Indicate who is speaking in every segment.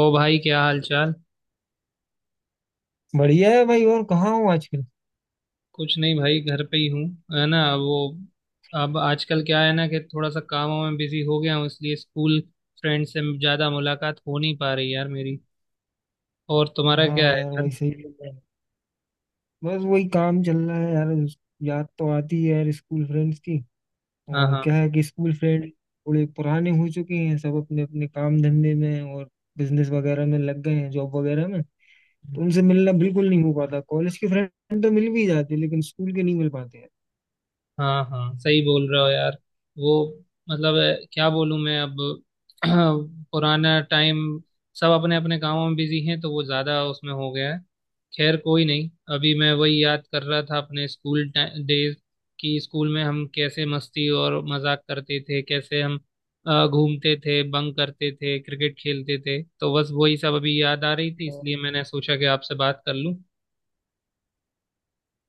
Speaker 1: ओ भाई, क्या हाल चाल।
Speaker 2: बढ़िया है भाई। और कहाँ हो आजकल?
Speaker 1: कुछ नहीं भाई, घर पे ही हूँ। है ना वो। अब आजकल क्या है ना कि थोड़ा सा कामों में बिजी हो गया हूँ, इसलिए स्कूल फ्रेंड से ज़्यादा मुलाकात हो नहीं पा रही यार मेरी। और तुम्हारा क्या
Speaker 2: हाँ
Speaker 1: है
Speaker 2: यार
Speaker 1: यार।
Speaker 2: भाई, सही है, चल रहा है। बस वही काम चल रहा है यार। याद तो आती है यार, स्कूल फ्रेंड्स की।
Speaker 1: हाँ
Speaker 2: और
Speaker 1: हाँ,
Speaker 2: क्या है कि स्कूल फ्रेंड थोड़े पुराने हो चुके हैं, सब अपने अपने काम धंधे में और बिजनेस वगैरह में लग गए हैं, जॉब वगैरह में। तो उनसे मिलना बिल्कुल नहीं हो पाता। कॉलेज के फ्रेंड तो मिल भी जाते, लेकिन स्कूल के नहीं मिल पाते
Speaker 1: हाँ हाँ, सही बोल रहे हो यार। वो मतलब क्या बोलूँ मैं अब। पुराना टाइम। सब अपने अपने कामों में बिजी हैं, तो वो ज़्यादा उसमें हो गया है। खैर, कोई नहीं। अभी मैं वही याद कर रहा था, अपने स्कूल डेज। कि स्कूल में हम कैसे मस्ती और मजाक करते थे, कैसे हम घूमते थे, बंक करते थे, क्रिकेट खेलते थे। तो बस वही सब अभी याद आ रही थी, इसलिए
Speaker 2: यार।
Speaker 1: मैंने सोचा कि आपसे बात कर लूँ।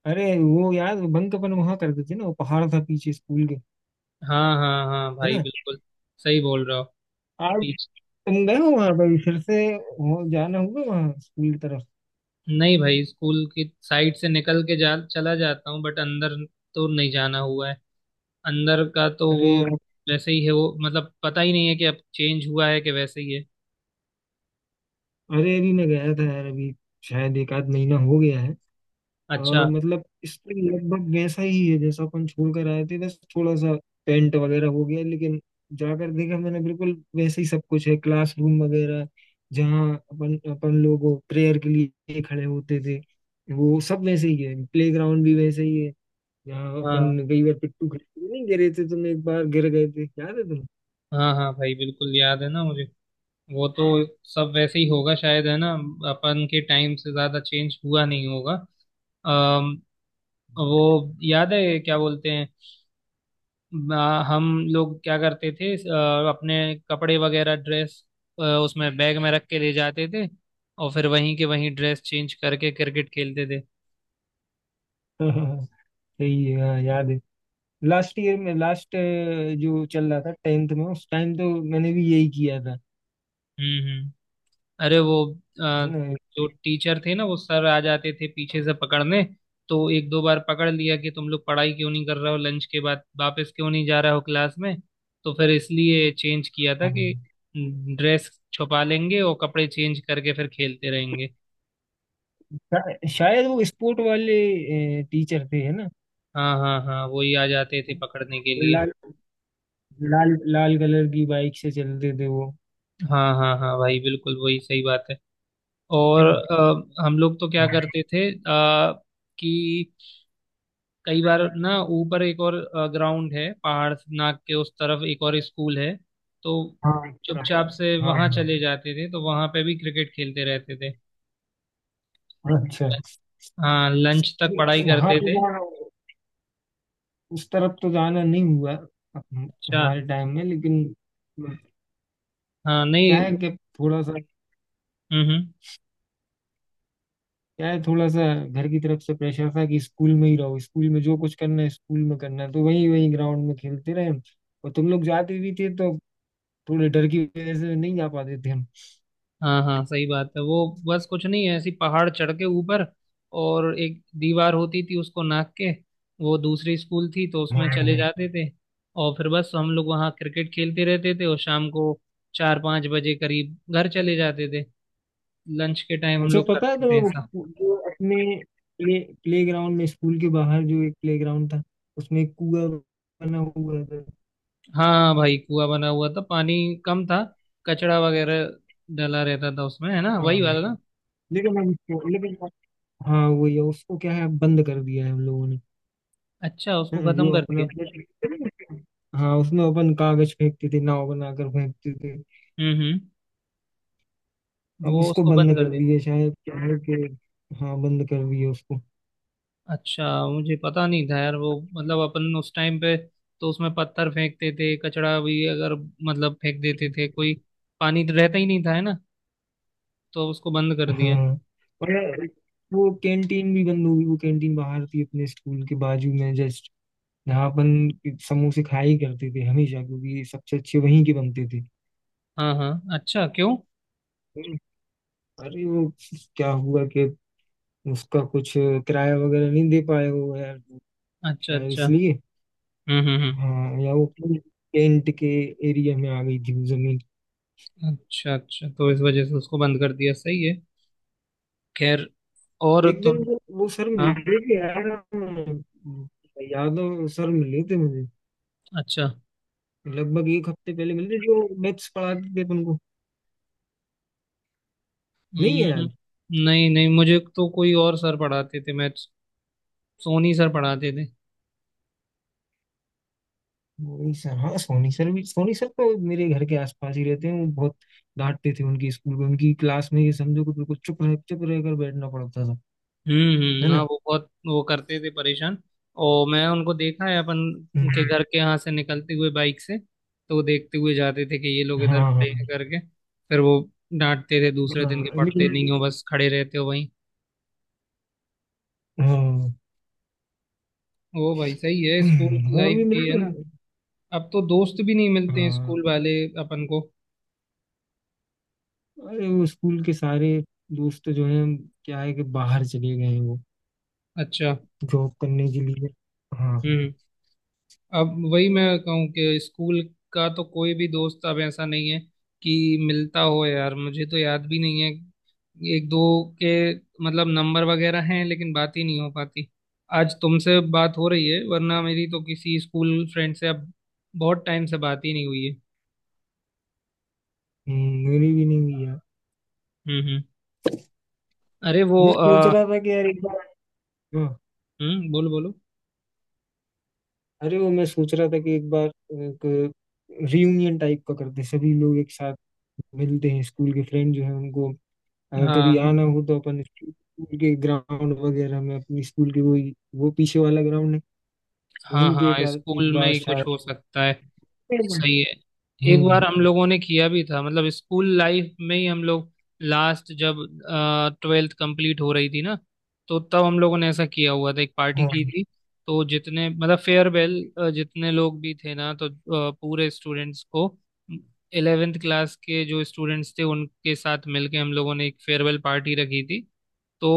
Speaker 2: अरे वो यार, बंक अपन वहां करते थे ना, वो पहाड़ था पीछे स्कूल के,
Speaker 1: हाँ हाँ हाँ
Speaker 2: है
Speaker 1: भाई,
Speaker 2: ना?
Speaker 1: बिल्कुल सही बोल रहे हो।
Speaker 2: आज तुम गए हो वहां पर फिर से? हो जाना होगा वहां स्कूल की तरफ।
Speaker 1: नहीं भाई, स्कूल की साइड से निकल के जा चला जाता हूँ, बट अंदर तो नहीं जाना हुआ है। अंदर का तो वो
Speaker 2: अरे यार।
Speaker 1: वैसे ही है वो, मतलब पता ही नहीं है कि अब चेंज हुआ है कि वैसे ही है।
Speaker 2: अरे अभी मैं गया था यार, अभी शायद एक आध महीना हो गया है।
Speaker 1: अच्छा।
Speaker 2: मतलब स्कूल लगभग वैसा ही है जैसा अपन छोड़ कर आए थे, बस थोड़ा सा पेंट वगैरह हो गया। लेकिन जाकर देखा मैंने, बिल्कुल वैसे ही सब कुछ है, क्लासरूम वगैरह, जहाँ अपन अपन लोग प्रेयर के लिए खड़े होते थे, वो सब वैसे ही है। प्ले ग्राउंड भी वैसे ही है, जहाँ
Speaker 1: हाँ
Speaker 2: अपन कई बार पिट्टू खेलते नहीं गिरे थे, तुम एक बार गिर गए थे, याद है?
Speaker 1: हाँ हाँ भाई, बिल्कुल याद है ना मुझे। वो तो सब वैसे ही होगा शायद, है ना। अपन के टाइम से ज़्यादा चेंज हुआ नहीं होगा। अम,
Speaker 2: तुम
Speaker 1: वो याद है क्या बोलते हैं, हम लोग क्या करते थे, अपने कपड़े वगैरह, ड्रेस उसमें बैग में रख के ले जाते थे, और फिर वहीं के वहीं ड्रेस चेंज करके क्रिकेट खेलते थे।
Speaker 2: सही है, हाँ याद है। लास्ट ईयर में, लास्ट जो चल रहा था टेंथ में, उस टाइम तो मैंने भी यही किया था,
Speaker 1: हम्म। अरे वो आ,
Speaker 2: है ना?
Speaker 1: जो टीचर थे ना, वो सर आ जाते थे पीछे से पकड़ने। तो एक दो बार पकड़ लिया कि तुम लोग पढ़ाई क्यों नहीं कर रहे हो, लंच के बाद वापस क्यों नहीं जा रहे हो क्लास में। तो फिर इसलिए चेंज किया था कि ड्रेस छुपा लेंगे और कपड़े चेंज करके फिर खेलते रहेंगे।
Speaker 2: शायद वो स्पोर्ट वाले टीचर थे, है ना?
Speaker 1: हाँ हाँ हाँ, वही आ जाते थे पकड़ने के लिए।
Speaker 2: लाल लाल लाल कलर की बाइक से चलते थे वो।
Speaker 1: हाँ हाँ हाँ भाई बिल्कुल, वही सही बात है। और
Speaker 2: हाँ,
Speaker 1: हम लोग तो क्या करते थे, कि कई बार ना ऊपर एक और ग्राउंड है, पहाड़ से नाक के उस तरफ एक और स्कूल है। तो
Speaker 2: हाँ, इस तरफ।
Speaker 1: चुपचाप से वहां
Speaker 2: हाँ।
Speaker 1: चले जाते थे, तो वहां पे भी क्रिकेट खेलते रहते थे।
Speaker 2: अच्छा,
Speaker 1: हाँ, लंच तक पढ़ाई
Speaker 2: वहां
Speaker 1: करते
Speaker 2: तो
Speaker 1: थे।
Speaker 2: जाना, उस तरफ तो जाना नहीं हुआ
Speaker 1: अच्छा।
Speaker 2: हमारे टाइम में। लेकिन
Speaker 1: हाँ
Speaker 2: क्या है
Speaker 1: नहीं।
Speaker 2: कि थोड़ा सा
Speaker 1: हम्म।
Speaker 2: यार, थोड़ा सा घर की तरफ से प्रेशर था कि स्कूल में ही रहो, स्कूल में जो कुछ करना है स्कूल में करना है, तो वही वही ग्राउंड में खेलते रहे हम। और तुम लोग जाते भी थे तो थोड़े डर की वजह से नहीं जा पाते थे हम।
Speaker 1: हाँ हाँ, सही बात है। वो बस कुछ नहीं है, ऐसी पहाड़ चढ़ के ऊपर, और एक दीवार होती थी, उसको नाप के वो दूसरी स्कूल थी, तो उसमें चले
Speaker 2: हाँ।
Speaker 1: जाते थे। और फिर बस हम लोग वहाँ क्रिकेट खेलते रहते थे, और शाम को 4-5 बजे करीब घर चले जाते थे। लंच के टाइम हम
Speaker 2: अच्छा,
Speaker 1: लोग
Speaker 2: पता है
Speaker 1: करते थे
Speaker 2: तो
Speaker 1: ऐसा।
Speaker 2: जो अपने प्ले प्ले ग्राउंड में, स्कूल के बाहर जो एक प्ले ग्राउंड था, उसमें एक कुआ बना हुआ था।
Speaker 1: हाँ भाई, कुआं बना हुआ था, पानी कम था, कचड़ा वगैरह डला रहता था उसमें, है ना,
Speaker 2: हाँ,
Speaker 1: वही वाला ना।
Speaker 2: लेकिन हम उसको, लेकिन हाँ, वही है। उसको क्या है, बंद कर दिया है हम लोगों ने।
Speaker 1: अच्छा, उसको खत्म
Speaker 2: जो
Speaker 1: कर
Speaker 2: अपना
Speaker 1: दिया।
Speaker 2: अपने, हाँ उसमें अपन कागज फेंकते थे, नाव बनाकर फेंकते थे।
Speaker 1: हम्म।
Speaker 2: अब
Speaker 1: वो
Speaker 2: उसको
Speaker 1: उसको बंद
Speaker 2: बंद
Speaker 1: कर
Speaker 2: कर
Speaker 1: दिया।
Speaker 2: दिए शायद, क्या है कि, हाँ बंद कर दिए उसको।
Speaker 1: अच्छा, मुझे पता नहीं था यार वो। मतलब अपन उस टाइम पे तो उसमें पत्थर फेंकते थे, कचड़ा भी अगर मतलब फेंक देते थे कोई। पानी तो रहता ही नहीं था, है ना, तो उसको बंद कर दिया।
Speaker 2: हाँ। और वो कैंटीन भी बंद हो गई। वो कैंटीन बाहर थी अपने स्कूल के बाजू में, जस्ट जहाँ अपन समोसे खाया ही करते थे हमेशा, क्योंकि सबसे अच्छे वहीं के बनते थे।
Speaker 1: हाँ हाँ। अच्छा क्यों।
Speaker 2: अरे वो, क्या हुआ कि उसका कुछ किराया वगैरह नहीं दे पाए वो यार,
Speaker 1: अच्छा
Speaker 2: शायद
Speaker 1: अच्छा।
Speaker 2: इसलिए।
Speaker 1: हम्म।
Speaker 2: हाँ, या वो पूरी टेंट के एरिया में आ गई थी वो जमीन।
Speaker 1: अच्छा अच्छा, तो इस वजह से उसको बंद कर दिया। सही है। खैर, और
Speaker 2: एक दिन
Speaker 1: तुम।
Speaker 2: वो सर
Speaker 1: हाँ।
Speaker 2: मिले थे यार। यादव सर मिले थे मुझे,
Speaker 1: अच्छा।
Speaker 2: लगभग एक हफ्ते पहले मिले थे, जो मैथ्स पढ़ाते थे अपन को। नहीं
Speaker 1: हम्म
Speaker 2: है याद?
Speaker 1: हम्म। नहीं नहीं, मुझे तो कोई और सर पढ़ाते थे मैथ्स। सोनी सर पढ़ाते थे।
Speaker 2: वही सर, हाँ, सोनी सर भी। सोनी सर तो मेरे घर के आसपास ही रहते हैं। वो बहुत डांटते थे। उनके स्कूल में, उनकी क्लास में ये समझो कि बिल्कुल चुप रहकर बैठना पड़ता था, है
Speaker 1: हाँ
Speaker 2: ना?
Speaker 1: वो बहुत वो करते थे परेशान। और मैं उनको देखा है, अपन के
Speaker 2: हम्म,
Speaker 1: घर के यहाँ से निकलते हुए बाइक से, तो वो देखते हुए जाते थे कि ये लोग इधर
Speaker 2: हाँ हाँ
Speaker 1: खड़े हैं करके। फिर वो डांटते थे दूसरे दिन
Speaker 2: हाँ,
Speaker 1: के, पढ़ते नहीं
Speaker 2: लेकिन।
Speaker 1: हो बस खड़े रहते हो वहीं।
Speaker 2: हाँ,
Speaker 1: वो भाई, सही है स्कूल की
Speaker 2: और
Speaker 1: लाइफ
Speaker 2: भी
Speaker 1: की, है
Speaker 2: मिलते
Speaker 1: ना।
Speaker 2: हैं।
Speaker 1: अब तो दोस्त भी नहीं मिलते हैं
Speaker 2: हाँ,
Speaker 1: स्कूल वाले अपन को।
Speaker 2: अरे वो स्कूल के सारे दोस्त तो जो हैं, क्या है कि बाहर चले गए हैं वो,
Speaker 1: अच्छा।
Speaker 2: जॉब करने के लिए। हाँ।
Speaker 1: हम्म। अब वही मैं कहूँ कि स्कूल का तो कोई भी दोस्त अब ऐसा नहीं है कि मिलता हो यार। मुझे तो याद भी नहीं है। एक दो के मतलब नंबर वगैरह हैं, लेकिन बात ही नहीं हो पाती। आज तुमसे बात हो रही है, वरना मेरी तो किसी स्कूल फ्रेंड से अब बहुत टाइम से बात ही नहीं हुई है।
Speaker 2: मेरी भी नहीं हुई यार।
Speaker 1: हम्म। अरे वो
Speaker 2: मैं सोच रहा था कि यार एक बार, हाँ,
Speaker 1: हम्म, बोलो बोलो।
Speaker 2: अरे वो मैं सोच रहा था कि एक बार एक रियूनियन टाइप का करते हैं। सभी लोग एक साथ मिलते हैं, स्कूल के फ्रेंड जो है उनको, अगर कभी आना
Speaker 1: हाँ
Speaker 2: हो तो अपन स्कूल के ग्राउंड वगैरह में, अपनी स्कूल के वही, वो पीछे वाला ग्राउंड है,
Speaker 1: हाँ
Speaker 2: वहीं पे
Speaker 1: हाँ,
Speaker 2: एक,
Speaker 1: स्कूल
Speaker 2: एक
Speaker 1: में
Speaker 2: बार
Speaker 1: ही कुछ
Speaker 2: शायद।
Speaker 1: हो सकता है। सही है। एक
Speaker 2: हम्म।
Speaker 1: बार हम लोगों ने किया भी था, मतलब स्कूल लाइफ में ही हम लोग, लास्ट जब ट्वेल्थ कंप्लीट हो रही थी ना, तो तब हम लोगों ने ऐसा किया हुआ था, एक पार्टी
Speaker 2: हाँ
Speaker 1: की थी। तो जितने मतलब फेयरवेल, जितने लोग भी थे ना, तो पूरे स्टूडेंट्स को, इलेवेंथ क्लास के जो स्टूडेंट्स थे उनके साथ मिलके हम लोगों ने एक फेयरवेल पार्टी रखी थी। तो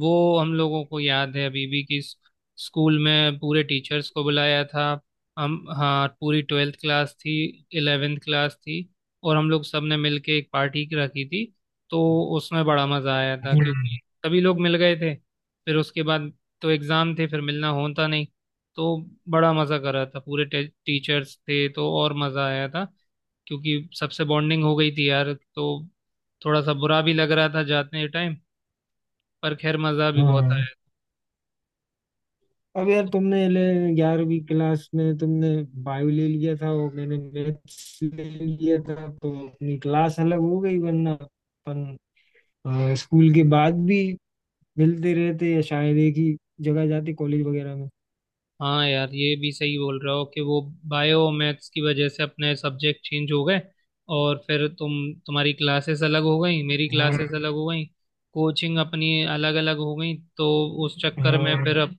Speaker 1: वो हम लोगों को याद है अभी भी कि स्कूल में पूरे टीचर्स को बुलाया था। हम, हाँ पूरी ट्वेल्थ क्लास थी, इलेवेंथ क्लास थी, और हम लोग सब ने मिल के एक पार्टी रखी थी। तो उसमें बड़ा मज़ा आया था,
Speaker 2: हाँ
Speaker 1: क्योंकि सभी लोग मिल गए थे। फिर उसके बाद तो एग्ज़ाम थे, फिर मिलना होता नहीं। तो बड़ा मज़ा करा था, पूरे टीचर्स थे तो और मज़ा आया था, क्योंकि सबसे बॉन्डिंग हो गई थी यार। तो थोड़ा सा बुरा भी लग रहा था जाते टाइम, पर खैर, मज़ा भी बहुत
Speaker 2: हाँ।
Speaker 1: आया।
Speaker 2: अब यार, तुमने ले, 11वीं क्लास में तुमने बायो ले लिया था और मैंने मैथ्स ले लिया था, तो अपनी क्लास अलग हो गई, वरना अपन स्कूल के बाद भी मिलते रहते, या शायद एक ही जगह जाते, कॉलेज वगैरह में।
Speaker 1: हाँ यार, ये भी सही बोल रहे हो कि वो बायो मैथ्स की वजह से अपने सब्जेक्ट चेंज हो गए, और फिर तुम, तुम्हारी क्लासेस अलग हो गई, मेरी
Speaker 2: हाँ।
Speaker 1: क्लासेस अलग हो गई, कोचिंग अपनी अलग अलग हो गई। तो उस चक्कर में फिर
Speaker 2: हाँ।
Speaker 1: अब,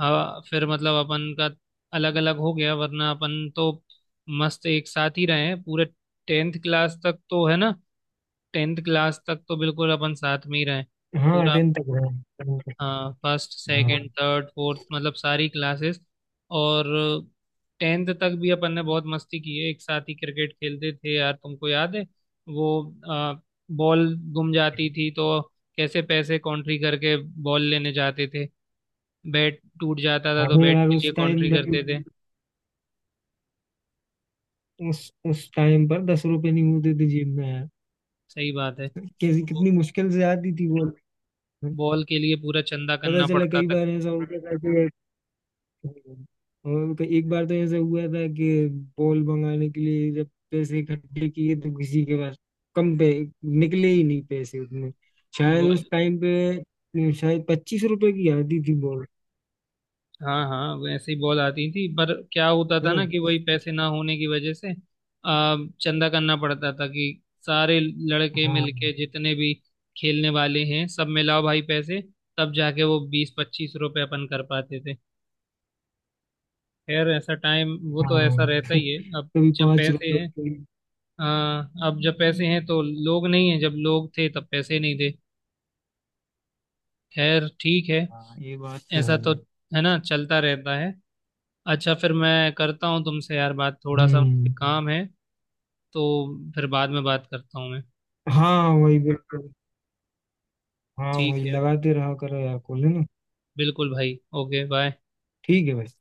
Speaker 1: हाँ फिर मतलब अपन का अलग अलग हो गया, वरना अपन तो मस्त एक साथ ही रहे हैं पूरे टेंथ क्लास तक, तो है ना। टेंथ क्लास तक तो बिल्कुल अपन साथ में ही रहे
Speaker 2: हाँ
Speaker 1: पूरा।
Speaker 2: टेंथ तक रहा, tenth तक,
Speaker 1: हाँ, फर्स्ट
Speaker 2: हाँ।
Speaker 1: सेकंड थर्ड फोर्थ, मतलब सारी क्लासेस। और टेंथ तक भी अपन ने बहुत मस्ती की है, एक साथ ही क्रिकेट खेलते थे यार, तुमको याद है वो? आ, बॉल गुम जाती थी तो कैसे पैसे कॉन्ट्री करके बॉल लेने जाते थे। बैट टूट जाता था तो
Speaker 2: अरे
Speaker 1: बैट
Speaker 2: यार
Speaker 1: के लिए
Speaker 2: उस टाइम,
Speaker 1: कॉन्ट्री करते थे।
Speaker 2: उस टाइम पर 10 रुपए नहीं होते थे जेब में यार।
Speaker 1: सही बात है।
Speaker 2: कैसी
Speaker 1: बॉ-
Speaker 2: कितनी मुश्किल से आती थी वो।
Speaker 1: बॉल के लिए पूरा चंदा
Speaker 2: पता
Speaker 1: करना
Speaker 2: चला,
Speaker 1: पड़ता
Speaker 2: कई
Speaker 1: था
Speaker 2: बार ऐसा होता था कि, और तो एक बार तो ऐसा हुआ था कि बॉल मंगाने के लिए जब पैसे इकट्ठे किए तो किसी के पास कम पे निकले ही नहीं पैसे उतने। शायद
Speaker 1: वो।
Speaker 2: उस टाइम पे, शायद 25 रुपए की आती थी बॉल,
Speaker 1: हाँ हाँ, वैसे ही बॉल आती थी, पर क्या होता
Speaker 2: है
Speaker 1: था ना
Speaker 2: ना?
Speaker 1: कि वही पैसे ना होने की वजह से चंदा करना पड़ता था कि सारे लड़के
Speaker 2: हाँ
Speaker 1: मिलके, जितने भी खेलने वाले हैं, सब मिलाओ भाई पैसे। तब जाके वो 20-25 रुपए अपन कर पाते थे। खैर, ऐसा टाइम वो तो ऐसा
Speaker 2: हाँ,
Speaker 1: रहता ही है। अब
Speaker 2: कभी
Speaker 1: जब
Speaker 2: पांच
Speaker 1: पैसे
Speaker 2: रुपए
Speaker 1: हैं,
Speaker 2: कभी-
Speaker 1: हाँ अब जब पैसे हैं तो लोग नहीं है, जब लोग थे तब पैसे नहीं थे। खैर ठीक है,
Speaker 2: हाँ ये बात तो
Speaker 1: ऐसा
Speaker 2: है।
Speaker 1: तो है ना, चलता रहता है। अच्छा, फिर मैं करता हूँ तुमसे यार बात, थोड़ा सा मुझे
Speaker 2: हम्म।
Speaker 1: काम है, तो फिर बाद में बात करता हूँ मैं।
Speaker 2: हाँ वही, बिल्कुल। हाँ
Speaker 1: ठीक
Speaker 2: वही
Speaker 1: है,
Speaker 2: लगाते रहा करो यार कॉल, है ना?
Speaker 1: बिल्कुल भाई, ओके बाय।
Speaker 2: ठीक है भाई।